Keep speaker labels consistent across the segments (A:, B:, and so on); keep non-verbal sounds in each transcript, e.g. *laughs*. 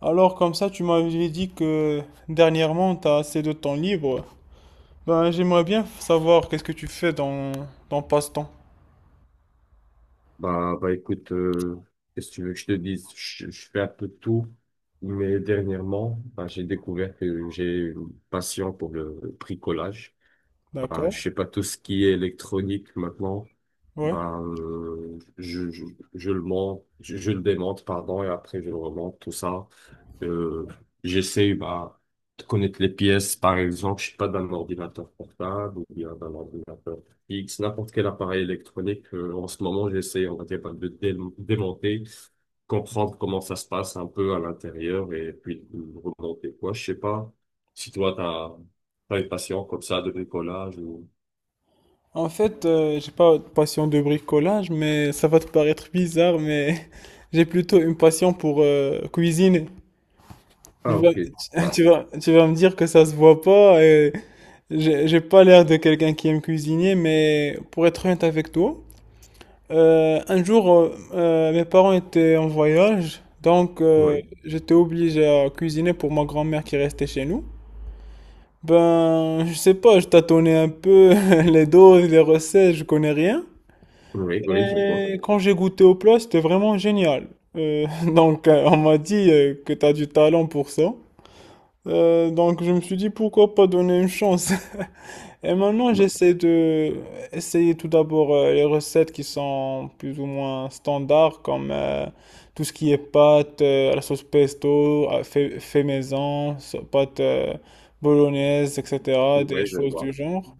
A: Alors comme ça, tu m'avais dit que dernièrement, tu as assez de temps libre. Ben, j'aimerais bien savoir qu'est-ce que tu fais dans passe-temps.
B: Bah écoute, qu'est-ce que tu veux que je te dise? Je fais un peu de tout, mais dernièrement, bah, j'ai découvert que j'ai une passion pour le bricolage. Bah, je
A: D'accord?
B: sais pas, tout ce qui est électronique maintenant,
A: Ouais.
B: bah, je le monte, je le démonte, pardon, et après je le remonte, tout ça. Euh, J'essaie bah, de connaître les pièces, par exemple, je suis pas, d'un ordinateur portable ou bien d'un ordinateur fixe, n'importe quel appareil électronique. En ce moment, j'essaie, on va dire, bah, de démonter, comprendre comment ça se passe un peu à l'intérieur et puis de remonter quoi. Je sais pas si toi, t'as une passion comme ça de bricolage ou...
A: En fait, j'ai pas de passion de bricolage, mais ça va te paraître bizarre, mais *laughs* j'ai plutôt une passion pour cuisiner. Tu
B: Ah,
A: vas,
B: ok.
A: *laughs*
B: Bah,
A: tu vas me dire que ça se voit pas et j'ai pas l'air de quelqu'un qui aime cuisiner, mais pour être honnête avec toi. Un jour, mes parents étaient en voyage, donc
B: oui,
A: j'étais obligé à cuisiner pour ma grand-mère qui restait chez nous. Ben, je sais pas, je tâtonnais un peu *laughs* les doses, les recettes, je connais rien.
B: oui, oui, je vois.
A: Et quand j'ai goûté au plat, c'était vraiment génial. Euh, *laughs* donc, on m'a dit que t'as du talent pour ça. Donc, je me suis dit pourquoi pas donner une chance. Et maintenant,
B: Bah,
A: j'essaie de essayer tout d'abord les recettes qui sont plus ou moins standards, comme tout ce qui est pâte à la sauce pesto, fait maison, pâte bolognaise, etc., des
B: oui, je
A: choses du
B: vois.
A: genre.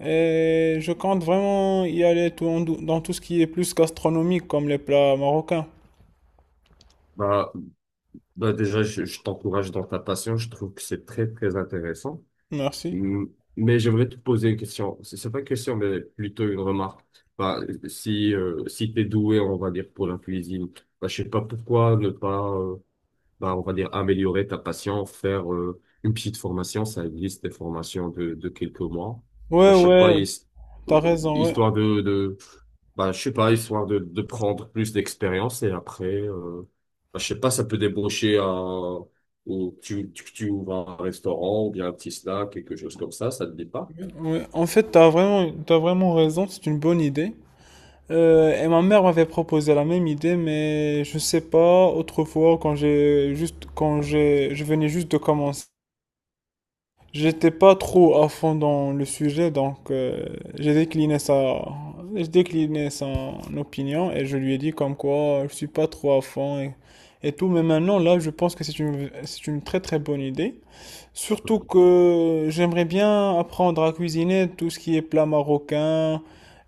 A: Et je compte vraiment y aller tout en dans tout ce qui est plus gastronomique, comme les plats marocains.
B: Bah, Bah déjà, je t'encourage dans ta passion. Je trouve que c'est très, très intéressant.
A: Merci.
B: Mm, Mais j'aimerais te poser une question. C'est pas une question, mais plutôt une remarque. Bah, si si tu es doué, on va dire, pour la cuisine, bah, je sais pas pourquoi ne pas bah, on va dire, améliorer ta passion, faire une petite formation. Ça existe des formations de quelques mois. Bah,
A: Ouais,
B: je sais pas,
A: ouais, t'as raison, ouais.
B: histoire de bah, je sais pas, histoire de prendre plus d'expérience et après, bah, je sais pas, ça peut débaucher à, ou tu ouvres un restaurant ou bien un petit snack, quelque chose comme ça te dit pas?
A: Ouais, en fait, t'as vraiment raison, c'est une bonne idée. Et ma mère m'avait proposé la même idée, mais je sais pas, autrefois, quand j'ai juste, quand j'ai, je venais juste de commencer, j'étais pas trop à fond dans le sujet, donc j'ai décliné ça, j'ai décliné son opinion et je lui ai dit comme quoi je suis pas trop à fond et tout, mais maintenant là, je pense que c'est une très très bonne idée. Surtout que j'aimerais bien apprendre à cuisiner tout ce qui est plat marocain,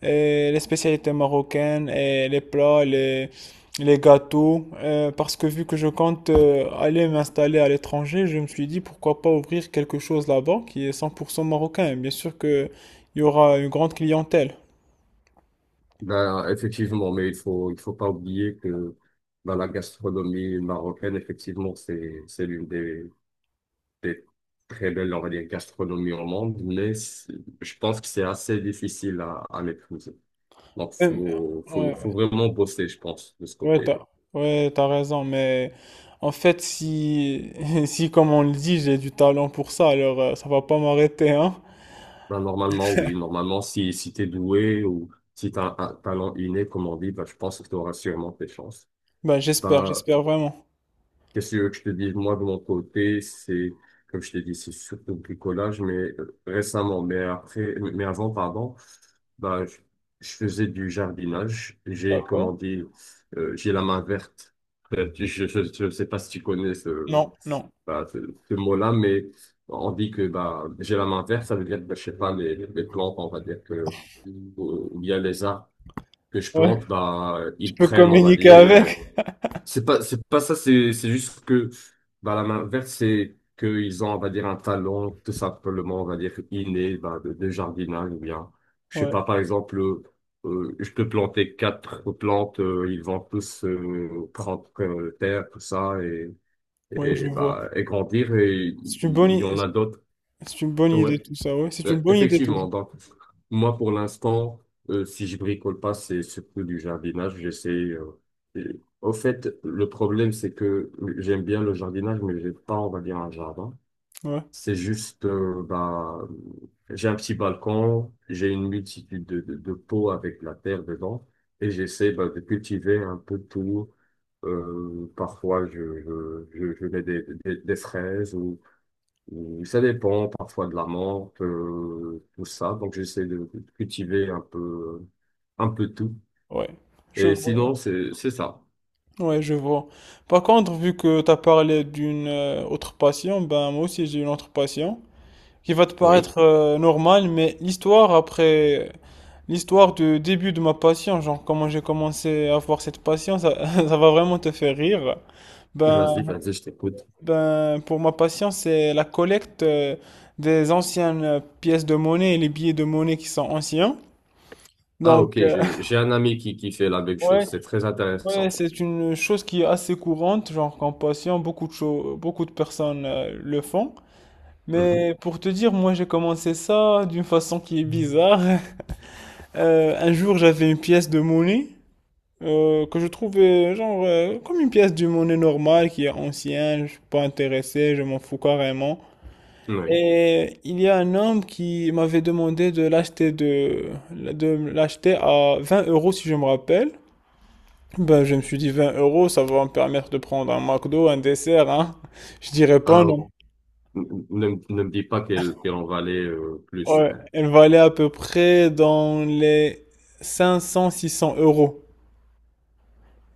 A: et les spécialités marocaines, et les plats, les gâteaux. Euh, parce que vu que je compte aller m'installer à l'étranger, je me suis dit pourquoi pas ouvrir quelque chose là-bas qui est 100% marocain. Bien sûr qu'il y aura une grande clientèle.
B: Ben, effectivement, mais il faut pas oublier que ben, la gastronomie marocaine, effectivement, c'est l'une des très belles, on va dire, gastronomies au monde, mais je pense que c'est assez difficile à maîtriser. Donc,
A: Euh,
B: faut, faut,
A: Ouais,
B: faut vraiment bosser, je pense, de ce
A: ouais,
B: côté.
A: ouais, t'as raison, mais en fait, si, *laughs* si comme on le dit, j'ai du talent pour ça, alors ça va pas m'arrêter, hein.
B: Ben, normalement, oui, normalement, si t'es doué ou si t'as un talent inné, comme on dit, ben, je pense que tu auras sûrement tes chances.
A: Bah, j'espère,
B: Ben,
A: j'espère vraiment.
B: qu'est-ce que tu veux que je te dis, moi, de mon côté, c'est, comme je t'ai dit, c'est surtout le bricolage, mais récemment, mais après, mais avant, pardon, bah, je faisais du jardinage. J'ai, comment dire, j'ai la main verte. *laughs* Je sais pas si tu connais
A: Non, non.
B: bah, ce mot-là, mais on dit que, bah, j'ai la main verte, ça veut dire, que, bah, je sais pas, les plantes, on va dire que, ou bien les arbres que je
A: Ouais,
B: plante, bah,
A: tu
B: ils
A: peux
B: prennent, on va
A: communiquer
B: dire,
A: avec.
B: c'est pas ça, c'est juste que bah, la main verte, c'est qu'ils ont, on va dire, un talent tout simplement, on va dire, inné bah, de jardinage ou bien, je sais
A: Ouais,
B: pas, par exemple, je peux planter quatre plantes, ils vont tous prendre terre, tout ça,
A: ouais, je vois.
B: bah, et grandir, et
A: C'est une bonne,
B: il y
A: i-
B: en a d'autres.
A: c'est une bonne idée
B: Ouais.
A: tout ça, ouais. C'est une bonne idée tout ça.
B: Effectivement, donc moi pour l'instant, si je bricole pas, c'est surtout du jardinage. J'essaie. Au fait, le problème c'est que j'aime bien le jardinage, mais j'ai pas, on va dire, un jardin.
A: Ouais,
B: C'est juste, bah, j'ai un petit balcon, j'ai une multitude de pots avec la terre dedans, et j'essaie bah, de cultiver un peu tout. Parfois, je mets des fraises. Ça dépend parfois de la menthe, tout ça. Donc j'essaie de cultiver un peu tout.
A: ouais. Je
B: Et sinon,
A: vois.
B: c'est ça.
A: Ouais, je vois. Par contre, vu que tu as parlé d'une autre passion, ben moi aussi j'ai une autre passion qui va te
B: Oui.
A: paraître normale, mais l'histoire du début de ma passion, genre comment j'ai commencé à avoir cette passion, ça, *laughs* ça va vraiment te faire rire. Ben
B: Vas-y, vas-y, je t'écoute.
A: Ben, pour ma passion, c'est la collecte des anciennes pièces de monnaie et les billets de monnaie qui sont anciens.
B: Ah, ok,
A: Donc,
B: j'ai un ami qui fait la même
A: *laughs* ouais,
B: chose. C'est très
A: ouais,
B: intéressant.
A: c'est une chose qui est assez courante, genre qu'en passion, beaucoup de personnes le font.
B: Mhm.
A: Mais pour te dire, moi, j'ai commencé ça d'une façon qui est bizarre. *laughs* Un jour, j'avais une pièce de monnaie que je trouvais genre comme une pièce de monnaie normale qui est ancienne. Je suis pas intéressé, je m'en fous carrément.
B: Oui.
A: Et il y a un homme qui m'avait demandé de l'acheter de l'acheter à 20 euros si je me rappelle. Ben, je me suis dit 20 euros, ça va me permettre de prendre un McDo, un dessert, hein. Je dirais pas
B: Ah,
A: non.
B: ne me dis pas qu'elle en valait plus.
A: Ouais, elle valait à peu près dans les 500 cents, euros.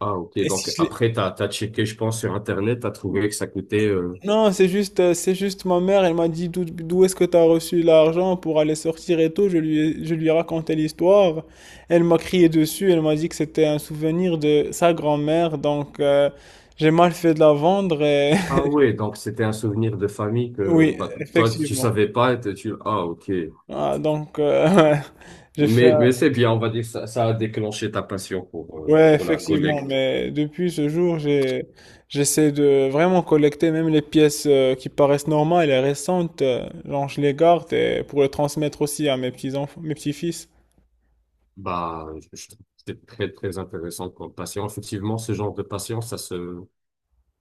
B: Ah, ok.
A: Et si
B: Donc,
A: je l'ai-
B: après, t'as checké, je pense, sur Internet, t'as trouvé que ça coûtait...
A: Non, c'est juste ma mère, elle m'a dit d'où est-ce que tu as reçu l'argent pour aller sortir et tout. Je lui ai raconté l'histoire. Elle m'a crié dessus, elle m'a dit que c'était un souvenir de sa grand-mère. Donc, j'ai mal fait de la vendre. Et...
B: Ah
A: *laughs*
B: ouais, donc c'était un souvenir de famille que
A: Oui,
B: bah, toi, tu
A: effectivement.
B: savais pas. Ah, ok.
A: Ah, donc, *laughs* j'ai fait.
B: Mais c'est bien, on va dire, ça a déclenché ta passion
A: Ouais,
B: pour la
A: effectivement,
B: collecte.
A: mais depuis ce jour, j'essaie de vraiment collecter même les pièces qui paraissent normales et récentes, genre je les garde et pour les transmettre aussi à mes petits enfants, mes petits-fils.
B: Bah, je c'est très, très intéressant comme passion. Effectivement, ce genre de passion,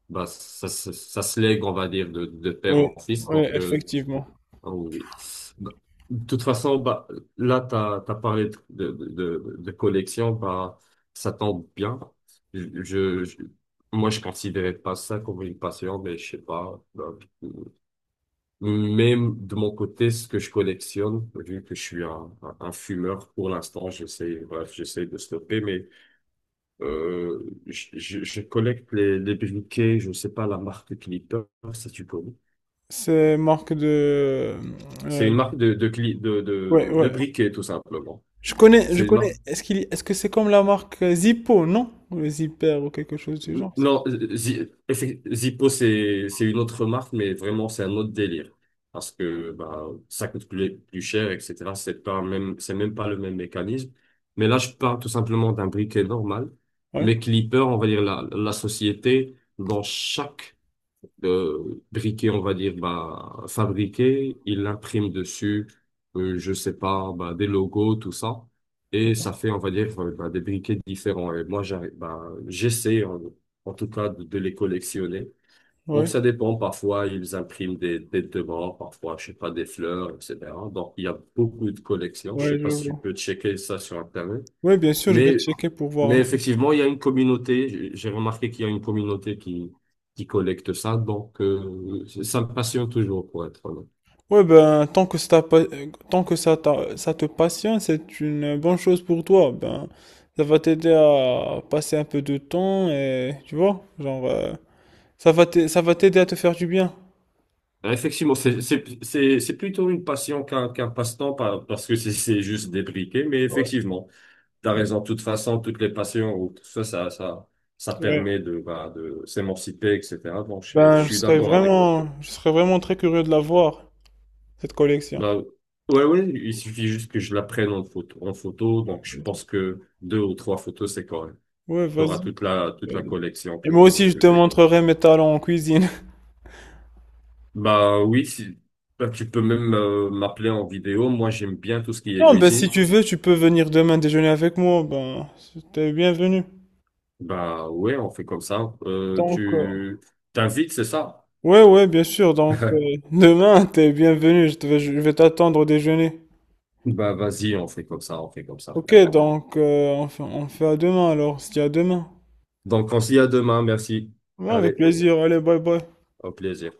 B: bah, ça se lègue, on va dire, de père
A: Oui,
B: en fils.
A: oui,
B: Donc,
A: effectivement.
B: ah oui. Bah, de toute façon, bah, là, tu as, parlé de collection, bah, ça tombe bien. Je, je, je- Moi, je considérais pas ça comme une passion, mais je sais pas. Bah, mais de mon côté, ce que je collectionne, vu que je suis un fumeur pour l'instant, j'essaie, bref, j'essaie de stopper, mais je collecte les briquets, je ne sais pas la marque Clipper, ça tu connais.
A: C'est marque de,
B: C'est
A: euh,
B: une marque de, cli-
A: ouais,
B: de
A: ouais.
B: briquets, tout simplement.
A: Je connais, je
B: C'est une
A: connais.
B: marque.
A: Est-ce que c'est comme la marque Zippo, non? Ou le Zipper ou quelque chose du genre.
B: Non, Zippo, c'est une autre marque, mais vraiment, c'est un autre délire. Parce que bah, ça coûte plus, plus cher, etc. C'est même pas le même mécanisme. Mais là, je parle tout simplement d'un briquet normal.
A: Ouais,
B: Mais Clipper, on va dire la société, dans chaque de briquet, on va dire, bah, fabriqué. Il imprime dessus, je sais pas, bah, des logos, tout ça. Et ça fait, on va dire, bah, des briquets différents. Et moi, j'arrive, bah, j'essaie, en tout cas, de les collectionner. Donc,
A: ouais,
B: ça dépend. Parfois, ils impriment des morts, parfois, je sais pas, des fleurs, etc. Donc, il y a beaucoup de collections. Je sais
A: ouais, je
B: pas si tu
A: vois.
B: peux checker ça sur Internet.
A: Ouais, bien sûr, je vais
B: Mais,
A: checker pour voir un.
B: mais effectivement, il y a une communauté. J'ai remarqué qu'il y a une communauté qui collecte ça. Donc, ça me passionne toujours, pour être honnête.
A: Ouais, ben, tant que ça, ça te passionne, c'est une bonne chose pour toi. Ben, ça va t'aider à passer un peu de temps et, tu vois, genre, ça va t'aider à te faire du bien.
B: Effectivement, c'est plutôt une passion qu'un passe-temps parce que c'est juste débriqué. Mais effectivement, t'as raison. De toute façon, toutes les passions ou tout ça, ça
A: Ouais.
B: permet de, bah, de s'émanciper, etc. Donc, je
A: Ben, je
B: suis
A: serais
B: d'accord avec toi.
A: vraiment, je serais vraiment très curieux de la voir, cette collection.
B: Bah, ouais, ouais, il suffit juste que je la prenne en photo, en photo. Donc, je pense que deux ou trois photos, c'est correct.
A: Ouais,
B: T'auras
A: vas-y.
B: toute la
A: Vas-y.
B: collection
A: Et
B: que
A: moi aussi, je
B: que
A: te
B: j'ai quoi.
A: montrerai mes talents en cuisine. *laughs*
B: Bah oui, si bah, tu peux même m'appeler en vidéo. Moi, j'aime bien tout ce qui est
A: Non, ben, si
B: cuisine.
A: tu veux, tu peux venir demain déjeuner avec moi. Ben, t'es bienvenu.
B: Bah ouais, on fait comme ça.
A: Tant que.
B: Tu t'invites, c'est ça?
A: Ouais, ouais, bien sûr. Donc,
B: *laughs*
A: *laughs* demain, t'es bienvenu. Je vais t'attendre au déjeuner.
B: Bah vas-y, on fait comme ça, on fait comme ça,
A: Ok,
B: frère.
A: donc, on fait à demain alors, si à demain.
B: Donc on se dit à demain, merci.
A: Ouais, avec
B: Allez,
A: plaisir. Allez, bye bye.
B: au plaisir.